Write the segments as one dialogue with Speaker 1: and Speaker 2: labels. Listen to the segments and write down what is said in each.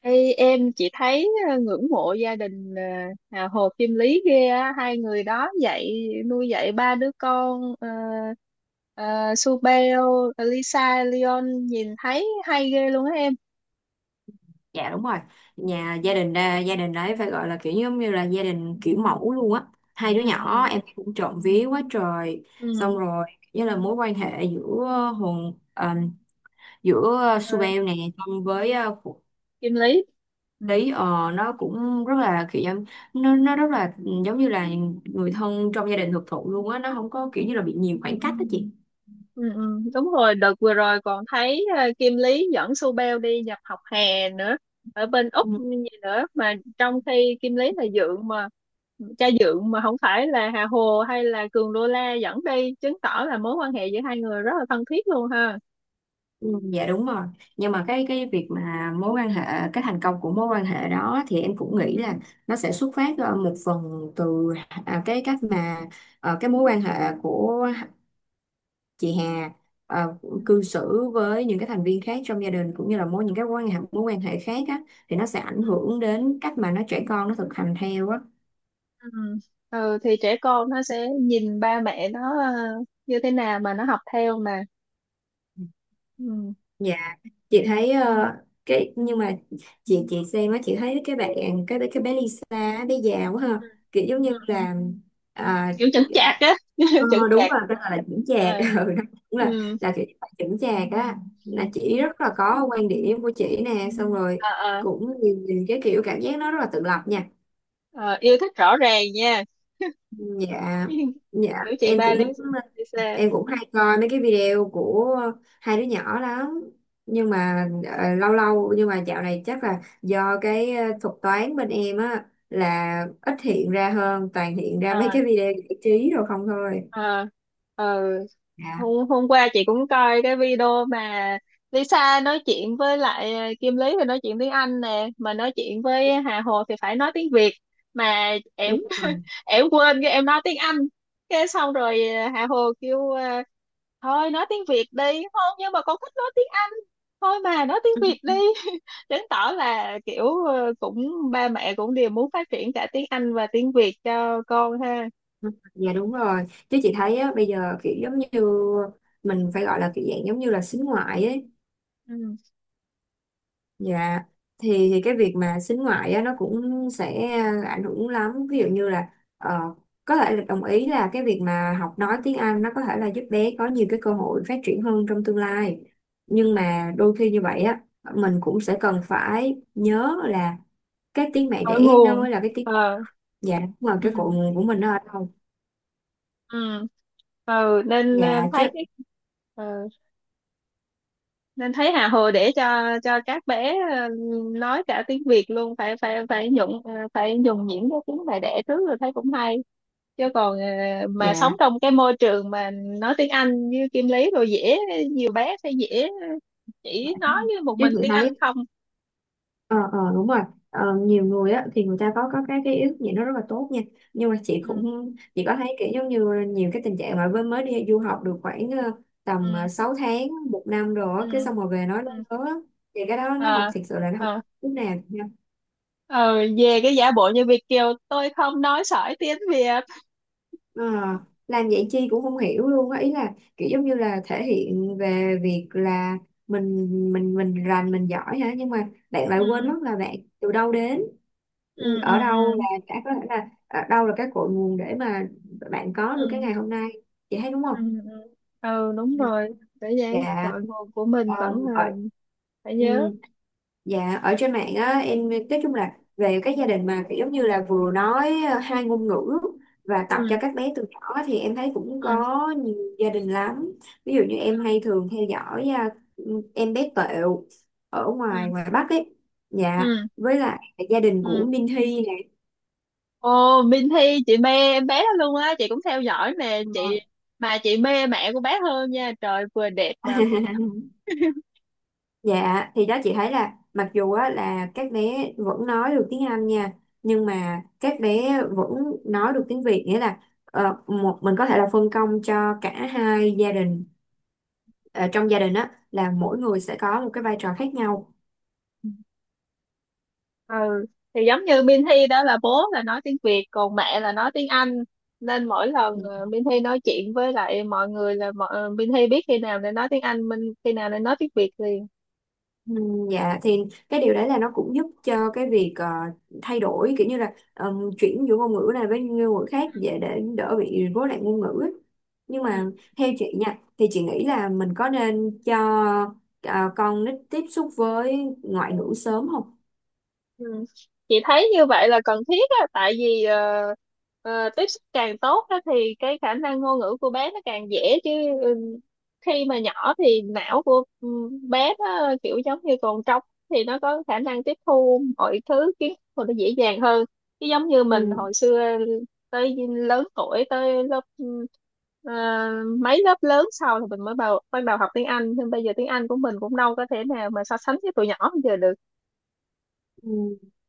Speaker 1: Ê, em chỉ thấy ngưỡng mộ gia đình Hồ Kim Lý ghê á, hai người đó dạy nuôi dạy ba đứa con, ờ, Su Beo, Lisa, Leon nhìn thấy hay ghê luôn á em.
Speaker 2: Dạ đúng rồi. Nhà gia đình đấy phải gọi là kiểu giống như là gia đình kiểu mẫu luôn á. Hai đứa nhỏ
Speaker 1: Ừ,
Speaker 2: em cũng trộm
Speaker 1: ừ,
Speaker 2: vía quá trời.
Speaker 1: ừ. Ừ.
Speaker 2: Xong rồi như là mối quan hệ hồn ờm, giữa
Speaker 1: Ờ,
Speaker 2: Subel nè xong với Phú
Speaker 1: Kim Lý. Ừ.
Speaker 2: Lý, nó cũng rất là nó rất là giống như là người thân trong gia đình thực thụ luôn á, nó không có kiểu như là bị nhiều
Speaker 1: Ừ.
Speaker 2: khoảng cách đó chị.
Speaker 1: Ừ, ừ, đúng rồi, đợt vừa rồi còn thấy Kim Lý dẫn Su Beo đi nhập học hè nữa ở bên Úc
Speaker 2: Ừ.
Speaker 1: như vậy nữa, mà trong khi Kim Lý là dượng mà, cha dượng mà, không phải là Hà Hồ hay là Cường Đô La dẫn đi, chứng tỏ là mối quan hệ giữa hai người rất là thân thiết luôn ha.
Speaker 2: Ừ, dạ đúng rồi. Nhưng mà cái việc mà mối quan hệ, cái thành công của mối quan hệ đó thì em cũng nghĩ là nó sẽ xuất phát một phần từ cái cách mà cái mối quan hệ của chị Hà ờ,
Speaker 1: Ừ.
Speaker 2: cư xử với những cái thành viên khác trong gia đình, cũng như là những cái mối quan hệ khác á, thì nó sẽ ảnh
Speaker 1: Ừ,
Speaker 2: hưởng đến cách mà nó trẻ con nó thực hành theo á.
Speaker 1: ừ. Ừ, thì trẻ con nó sẽ nhìn ba mẹ nó như thế nào mà nó học theo mà. Ừ.
Speaker 2: Dạ, chị thấy ờ, cái nhưng mà chị xem á, chị thấy cái bé Lisa á, bé già quá ha.
Speaker 1: Ừ.
Speaker 2: Kiểu giống
Speaker 1: Ừ,
Speaker 2: như
Speaker 1: ừ.
Speaker 2: là
Speaker 1: Kiểu chững
Speaker 2: dạ,
Speaker 1: chạc á chững
Speaker 2: đúng
Speaker 1: chạc.
Speaker 2: rồi, tên là chững chạc.
Speaker 1: Ờ.
Speaker 2: Ừ, nó cũng là
Speaker 1: Ừ.
Speaker 2: là kiểu như là chững chạc á. Là chị rất là có quan điểm của chị nè, xong
Speaker 1: Ờ,
Speaker 2: rồi
Speaker 1: ờ.
Speaker 2: cũng nhìn cái kiểu, cảm giác nó rất là tự lập nha.
Speaker 1: Ờ, yêu thích rõ ràng nha.
Speaker 2: Dạ, dạ
Speaker 1: Kiểu chị
Speaker 2: em
Speaker 1: ba
Speaker 2: cũng
Speaker 1: Lisa.
Speaker 2: hay coi mấy cái video của hai đứa nhỏ lắm, nhưng mà lâu lâu, nhưng mà dạo này chắc là do cái thuật toán bên em á là ít hiện ra hơn, toàn hiện ra mấy
Speaker 1: À,
Speaker 2: cái video giải trí rồi không thôi.
Speaker 1: à, ờ,
Speaker 2: Dạ
Speaker 1: hôm qua chị cũng coi cái video mà Lisa nói chuyện với lại Kim Lý thì nói chuyện tiếng Anh nè, mà nói chuyện với Hà Hồ thì phải nói tiếng Việt, mà em
Speaker 2: đúng rồi.
Speaker 1: em quên cái em nói tiếng Anh, cái xong rồi Hà Hồ kêu thôi nói tiếng Việt đi, không nhưng mà con thích nói tiếng, thôi mà nói tiếng Việt đi. Chứng tỏ là kiểu cũng ba mẹ cũng đều muốn phát triển cả tiếng Anh và tiếng Việt cho con ha.
Speaker 2: Ừ, dạ đúng rồi. Chứ chị thấy á, bây giờ kiểu giống như mình phải gọi là kiểu dạng giống như là xính ngoại ấy.
Speaker 1: Ừ.
Speaker 2: Dạ, thì cái việc mà sính ngoại á, nó cũng sẽ ảnh hưởng lắm. Ví dụ như là ờ, có thể là đồng ý là cái việc mà học nói tiếng Anh nó có thể là giúp bé có nhiều cái cơ hội phát triển hơn trong tương lai, nhưng mà đôi khi như vậy á, mình cũng sẽ cần phải nhớ là cái tiếng mẹ
Speaker 1: Ở
Speaker 2: đẻ nó
Speaker 1: nguồn.
Speaker 2: mới là cái tiếng,
Speaker 1: Ờ.
Speaker 2: dạ, mà
Speaker 1: Ừ.
Speaker 2: cái cội nguồn của mình nó ở đâu.
Speaker 1: Ừ. Ừ nên
Speaker 2: Dạ chứ,
Speaker 1: thấy cái ờ, nên thấy Hà Hồ để cho các bé nói cả tiếng Việt luôn, phải phải phải nhuận, phải nhuần nhuyễn cái tiếng mẹ đẻ trước rồi, thấy cũng hay, chứ còn mà sống
Speaker 2: dạ
Speaker 1: trong cái môi trường mà nói tiếng Anh như Kim Lý rồi dễ, nhiều bé sẽ dễ chỉ nói với một mình
Speaker 2: chị
Speaker 1: tiếng Anh
Speaker 2: thấy
Speaker 1: không.
Speaker 2: ờ đúng rồi. Nhiều người á thì người ta có cái ý thức gì nó rất là tốt nha, nhưng mà
Speaker 1: Ừ,
Speaker 2: chị có thấy kiểu giống như nhiều cái tình trạng mà mới mới đi du học được khoảng tầm
Speaker 1: ừ,
Speaker 2: 6 tháng một năm rồi á,
Speaker 1: ừ,
Speaker 2: cái xong rồi về nói nó
Speaker 1: ừ.
Speaker 2: lớn á, thì cái đó nó học,
Speaker 1: Ờ,
Speaker 2: thiệt sự là nó học
Speaker 1: ờ,
Speaker 2: chút nào.
Speaker 1: ờ, về cái giả bộ như Việt kiều tôi không nói sỏi tiếng Việt.
Speaker 2: Ờ, làm vậy chi cũng không hiểu luôn á, ý là kiểu giống như là thể hiện về việc là mình mình rành mình giỏi hả, nhưng mà bạn lại quên
Speaker 1: Ừ,
Speaker 2: mất là bạn từ đâu đến.
Speaker 1: ừ,
Speaker 2: Ừ,
Speaker 1: ừ,
Speaker 2: ở đâu là
Speaker 1: ừ,
Speaker 2: đã có thể là ở đâu là cái cội nguồn để mà bạn có được cái
Speaker 1: ừ,
Speaker 2: ngày hôm nay, chị thấy đúng
Speaker 1: ừ,
Speaker 2: không.
Speaker 1: ừ. Ừ, đúng rồi, để vậy
Speaker 2: Dạ,
Speaker 1: cội nguồn của mình vẫn
Speaker 2: ở
Speaker 1: là phải
Speaker 2: ừm,
Speaker 1: nhớ.
Speaker 2: dạ, ở trên mạng á, em nói chung là về các gia đình mà kiểu giống như là vừa nói hai ngôn ngữ và tập cho
Speaker 1: Ừ,
Speaker 2: các bé từ nhỏ thì em thấy cũng
Speaker 1: ừ,
Speaker 2: có nhiều gia đình lắm. Ví dụ như em hay thường theo dõi em bé Tẹo ở
Speaker 1: ừ,
Speaker 2: ngoài ngoài Bắc ấy, dạ,
Speaker 1: ừ,
Speaker 2: với lại gia đình của
Speaker 1: ừ.
Speaker 2: Minh Hy
Speaker 1: Ồ, Minh Thi, chị mê em bé đó luôn á, chị cũng theo dõi nè chị,
Speaker 2: này.
Speaker 1: mà chị mê mẹ của bé hơn nha, trời vừa đẹp mà vừa giỏi.
Speaker 2: Dạ thì đó chị thấy là mặc dù á, là các bé vẫn nói được tiếng Anh nha, nhưng mà các bé vẫn nói được tiếng Việt, nghĩa là một mình có thể là phân công cho cả hai gia đình. Ờ, trong gia đình á là mỗi người sẽ có một cái vai trò khác nhau.
Speaker 1: Ừ, thì giống như Minh Thi đó là bố là nói tiếng Việt còn mẹ là nói tiếng Anh, nên mỗi lần Minh Thi nói chuyện với lại mọi người là mọi, Minh Thi biết khi nào nên nói tiếng Anh, Minh khi nào nên nói tiếng Việt liền.
Speaker 2: Ừ, dạ thì cái điều đấy là nó cũng giúp cho cái việc thay đổi kiểu như là chuyển giữa ngôn ngữ này với ngôn ngữ khác dễ, để đỡ bị rối loạn ngôn ngữ ấy. Nhưng mà theo chị nha, thì chị nghĩ là mình có nên cho con nít tiếp xúc với ngoại ngữ sớm không?
Speaker 1: Ừ. Chị thấy như vậy là cần thiết á, tại vì tiếp xúc càng tốt á, thì cái khả năng ngôn ngữ của bé nó càng dễ chứ. Ừ, khi mà nhỏ thì não của bé nó kiểu giống như còn trống, thì nó có khả năng tiếp thu mọi thứ kiến thức của nó dễ dàng hơn, chứ giống như mình
Speaker 2: Ừ.
Speaker 1: hồi xưa tới lớn tuổi tới lớp, ờ, mấy lớp lớn sau thì mình mới bắt đầu học tiếng Anh, nhưng bây giờ tiếng Anh của mình cũng đâu có thể nào mà so sánh với tụi nhỏ bây giờ được.
Speaker 2: Ừ.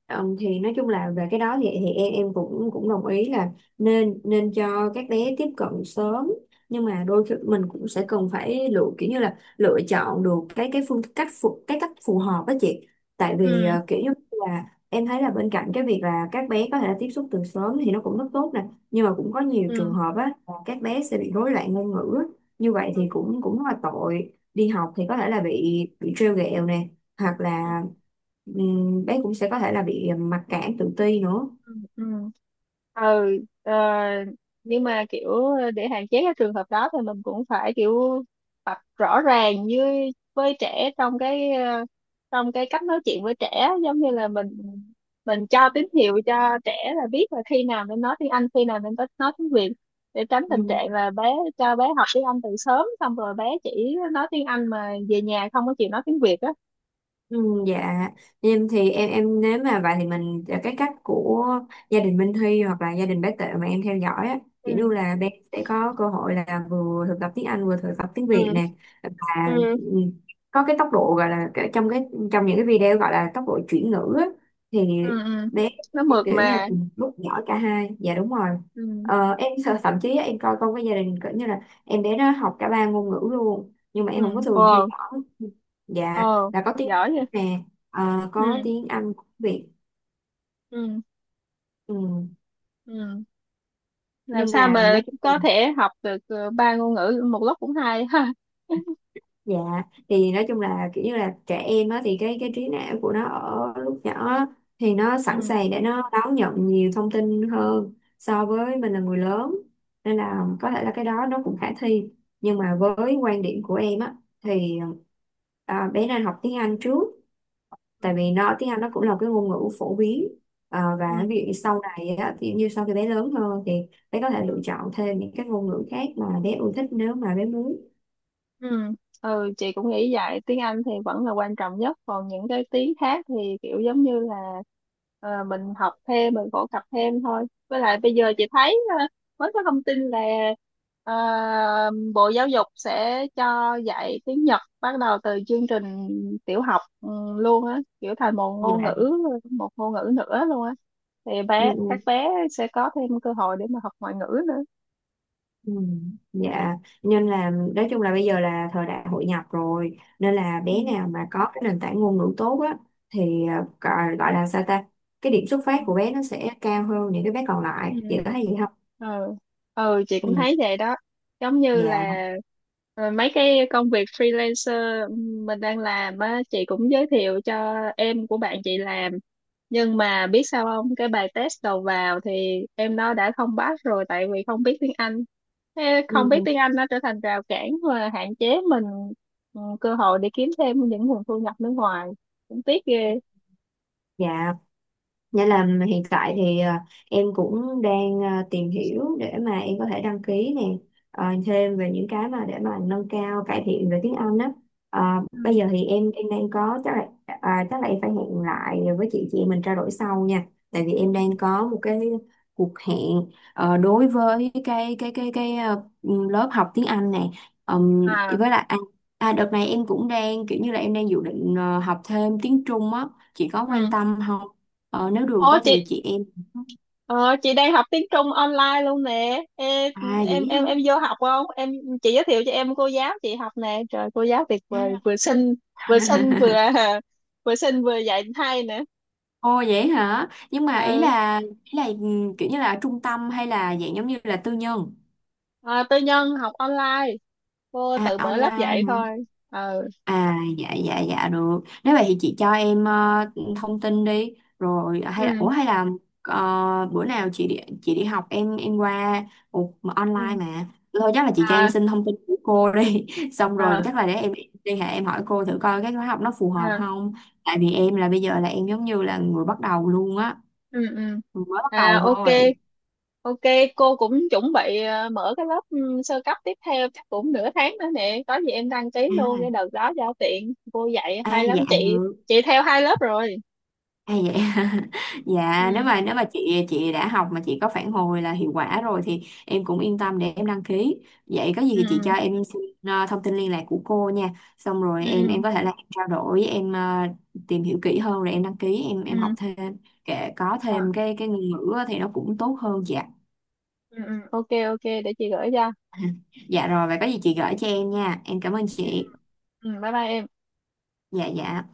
Speaker 2: Ờ, thì nói chung là về cái đó thì cũng cũng đồng ý là nên nên cho các bé tiếp cận sớm, nhưng mà đôi khi mình cũng sẽ cần phải lựa, kiểu như là lựa chọn được cái phương cách phù, cái cách phù hợp đó chị. Tại vì
Speaker 1: Ừ,
Speaker 2: kiểu như là em thấy là bên cạnh cái việc là các bé có thể là tiếp xúc từ sớm thì nó cũng rất tốt nè, nhưng mà cũng có nhiều trường
Speaker 1: ừ,
Speaker 2: hợp á là các bé sẽ bị rối loạn ngôn ngữ á. Như vậy
Speaker 1: ừ,
Speaker 2: thì cũng cũng rất là tội, đi học thì có
Speaker 1: ừ,
Speaker 2: thể là bị trêu ghẹo nè, hoặc
Speaker 1: ừ,
Speaker 2: là, ừm, bé cũng sẽ có thể là bị mặc cảm tự ti nữa.
Speaker 1: ừ, ừ. Ừ, ờ, nhưng mà kiểu để hạn chế cái trường hợp đó thì mình cũng phải kiểu tập rõ ràng với trẻ trong cái trong cái cách nói chuyện với trẻ, giống như là mình cho tín hiệu cho trẻ là biết là khi nào nên nói tiếng Anh, khi nào nên nói tiếng Việt, để tránh tình
Speaker 2: Ừ.
Speaker 1: trạng là bé cho bé học tiếng Anh từ sớm xong rồi bé chỉ nói tiếng Anh mà về nhà không có chịu nói tiếng Việt á.
Speaker 2: Ừ, dạ em thì nếu mà vậy thì mình, cái cách của gia đình Minh Huy hoặc là gia đình bé Tệ mà em theo dõi á, kiểu như
Speaker 1: Ừ,
Speaker 2: là bé sẽ có cơ hội là vừa thực tập tiếng Anh vừa thực tập tiếng
Speaker 1: ừ,
Speaker 2: Việt nè, và
Speaker 1: ừ,
Speaker 2: có cái tốc độ gọi là trong trong những cái video gọi là tốc độ chuyển ngữ á, thì
Speaker 1: ừ, ừ.
Speaker 2: bé
Speaker 1: Nó mượt
Speaker 2: kiểu như là
Speaker 1: mà.
Speaker 2: cùng lúc giỏi cả hai. Dạ đúng rồi.
Speaker 1: Ừ,
Speaker 2: Ờ, em sợ thậm chí á, em coi con cái gia đình kiểu như là em bé nó học cả ba ngôn ngữ luôn, nhưng mà
Speaker 1: ừ.
Speaker 2: em không có thường theo
Speaker 1: Wow.
Speaker 2: dõi. Dạ
Speaker 1: Ồ,
Speaker 2: là có tiếng
Speaker 1: giỏi vậy.
Speaker 2: nè,
Speaker 1: Ừ,
Speaker 2: có tiếng Anh của Việt.
Speaker 1: ừ,
Speaker 2: Ừ.
Speaker 1: ừ, làm
Speaker 2: Nhưng
Speaker 1: sao
Speaker 2: mà
Speaker 1: mà
Speaker 2: nói chung
Speaker 1: có
Speaker 2: là,
Speaker 1: thể học được ba ngôn ngữ một lúc cũng hay ha.
Speaker 2: dạ thì nói chung là kiểu như là trẻ em á, thì cái trí não của nó ở lúc nhỏ á, thì nó sẵn
Speaker 1: Ừ,
Speaker 2: sàng để nó đón nhận nhiều thông tin hơn so với mình là người lớn, nên là có thể là cái đó nó cũng khả thi. Nhưng mà với quan điểm của em á, thì bé nên học tiếng Anh trước,
Speaker 1: ừ,
Speaker 2: tại vì nó, tiếng Anh nó cũng là cái ngôn ngữ phổ biến. Ờ, và ví
Speaker 1: ừ,
Speaker 2: dụ như sau này á, thì như sau khi bé lớn hơn thì bé có thể
Speaker 1: ừ.
Speaker 2: lựa chọn thêm những cái ngôn ngữ khác mà bé yêu thích, nếu mà bé muốn.
Speaker 1: Ừ. Ừ, chị cũng nghĩ vậy, tiếng Anh thì vẫn là quan trọng nhất còn những cái tiếng khác thì kiểu giống như là mình học thêm, mình phổ cập thêm thôi. Với lại bây giờ chị thấy mới có thông tin là ờ, Bộ Giáo dục sẽ cho dạy tiếng Nhật bắt đầu từ chương trình tiểu học, luôn á, kiểu thành một ngôn ngữ,
Speaker 2: Dạ.
Speaker 1: một ngôn ngữ nữa luôn á, thì
Speaker 2: Ừ,
Speaker 1: bé các
Speaker 2: ừ,
Speaker 1: bé sẽ có thêm cơ hội để mà học ngoại ngữ nữa.
Speaker 2: ừ. Dạ, nên là nói chung là bây giờ là thời đại hội nhập rồi, nên là bé nào mà có cái nền tảng ngôn ngữ tốt á, thì gọi gọi là sao ta, cái điểm xuất phát của
Speaker 1: Ừ.
Speaker 2: bé nó sẽ cao hơn những cái bé còn lại,
Speaker 1: Ừ.
Speaker 2: chị có thấy gì không.
Speaker 1: Ờ. Ừ, chị cũng
Speaker 2: Ừ,
Speaker 1: thấy vậy đó, giống như
Speaker 2: dạ.
Speaker 1: là mấy cái công việc freelancer mình đang làm á, chị cũng giới thiệu cho em của bạn chị làm, nhưng mà biết sao không, cái bài test đầu vào thì em nó đã không pass rồi tại vì không biết tiếng Anh. Thế,
Speaker 2: Ừ,
Speaker 1: không biết
Speaker 2: ừ,
Speaker 1: tiếng Anh nó trở thành rào cản và hạn chế mình, cơ hội để kiếm thêm những nguồn thu nhập nước ngoài, cũng tiếc ghê.
Speaker 2: dạ. Nghĩa là hiện tại thì em cũng đang tìm hiểu để mà em có thể đăng ký nè, thêm về những cái mà để mà nâng cao, cải thiện về tiếng Anh á. Ờ, bây
Speaker 1: Ừ.
Speaker 2: giờ thì đang có, chắc là chắc là em phải hẹn lại với chị mình trao đổi sau nha, tại vì em đang có một cái cuộc hẹn đối với cái lớp học tiếng Anh này.
Speaker 1: À,
Speaker 2: Với lại đợt này em cũng đang kiểu như là em đang dự định học thêm tiếng Trung á, chị có quan
Speaker 1: ừ.
Speaker 2: tâm không. Ờ, nếu được
Speaker 1: Ủa
Speaker 2: á
Speaker 1: chị,
Speaker 2: thì chị em,
Speaker 1: ờ, chị đang học tiếng Trung online luôn nè em.
Speaker 2: à
Speaker 1: em
Speaker 2: vậy
Speaker 1: em
Speaker 2: hả.
Speaker 1: em vô học không em? Chị giới thiệu cho em cô giáo chị học nè, trời cô giáo tuyệt vời, vừa xinh,
Speaker 2: À.
Speaker 1: vừa xinh vừa vừa xinh vừa dạy hay nữa.
Speaker 2: Ồ vậy hả, nhưng mà
Speaker 1: Ờ,
Speaker 2: ý là kiểu như là ở trung tâm hay là dạng giống như là tư nhân.
Speaker 1: à, tư nhân học online, cô
Speaker 2: À,
Speaker 1: tự mở lớp
Speaker 2: online
Speaker 1: dạy
Speaker 2: hả.
Speaker 1: thôi. Ờ.
Speaker 2: À dạ dạ dạ, được. Nếu vậy thì chị cho em thông tin đi. Rồi hay là, ủa
Speaker 1: Ừ,
Speaker 2: hay là bữa nào chị đi, học em qua. Ủa, mà
Speaker 1: ừ,
Speaker 2: online mà. Thôi chắc là chị cho em
Speaker 1: à,
Speaker 2: xin thông tin của cô đi. Xong rồi
Speaker 1: à,
Speaker 2: chắc là để em liên hệ, em hỏi cô thử coi cái khóa học nó phù hợp
Speaker 1: à,
Speaker 2: không. Tại vì em là bây giờ là em giống như là người bắt đầu luôn á.
Speaker 1: ừ, ừ,
Speaker 2: Mới bắt
Speaker 1: à,
Speaker 2: đầu
Speaker 1: ok.
Speaker 2: thôi.
Speaker 1: Ok, cô cũng chuẩn bị mở cái lớp, sơ cấp tiếp theo chắc cũng 1/2 tháng nữa nè. Có gì em đăng ký luôn cái
Speaker 2: À,
Speaker 1: đợt đó giao tiện. Cô dạy
Speaker 2: à
Speaker 1: hay lắm
Speaker 2: dạ
Speaker 1: chị.
Speaker 2: được.
Speaker 1: Chị theo 2 lớp rồi.
Speaker 2: Hay vậy. Dạ, nếu
Speaker 1: Ừ,
Speaker 2: mà chị đã học mà chị có phản hồi là hiệu quả rồi thì em cũng yên tâm để em đăng ký. Vậy có gì thì chị
Speaker 1: ừ,
Speaker 2: cho em xin thông tin liên lạc của cô nha, xong rồi
Speaker 1: ừ, ừ,
Speaker 2: có thể là em trao đổi, em tìm hiểu kỹ hơn rồi em đăng ký,
Speaker 1: ừ.
Speaker 2: học
Speaker 1: Ừ.
Speaker 2: thêm kể, có
Speaker 1: Rồi,
Speaker 2: thêm cái ngôn ngữ á thì nó cũng tốt hơn. Dạ.
Speaker 1: ừ, ừ. Ok, ok, để chị gửi cho.
Speaker 2: Dạ rồi, vậy có gì chị gửi cho em nha, em cảm ơn
Speaker 1: Ừ,
Speaker 2: chị.
Speaker 1: ừ, bye bye em.
Speaker 2: Dạ dạ.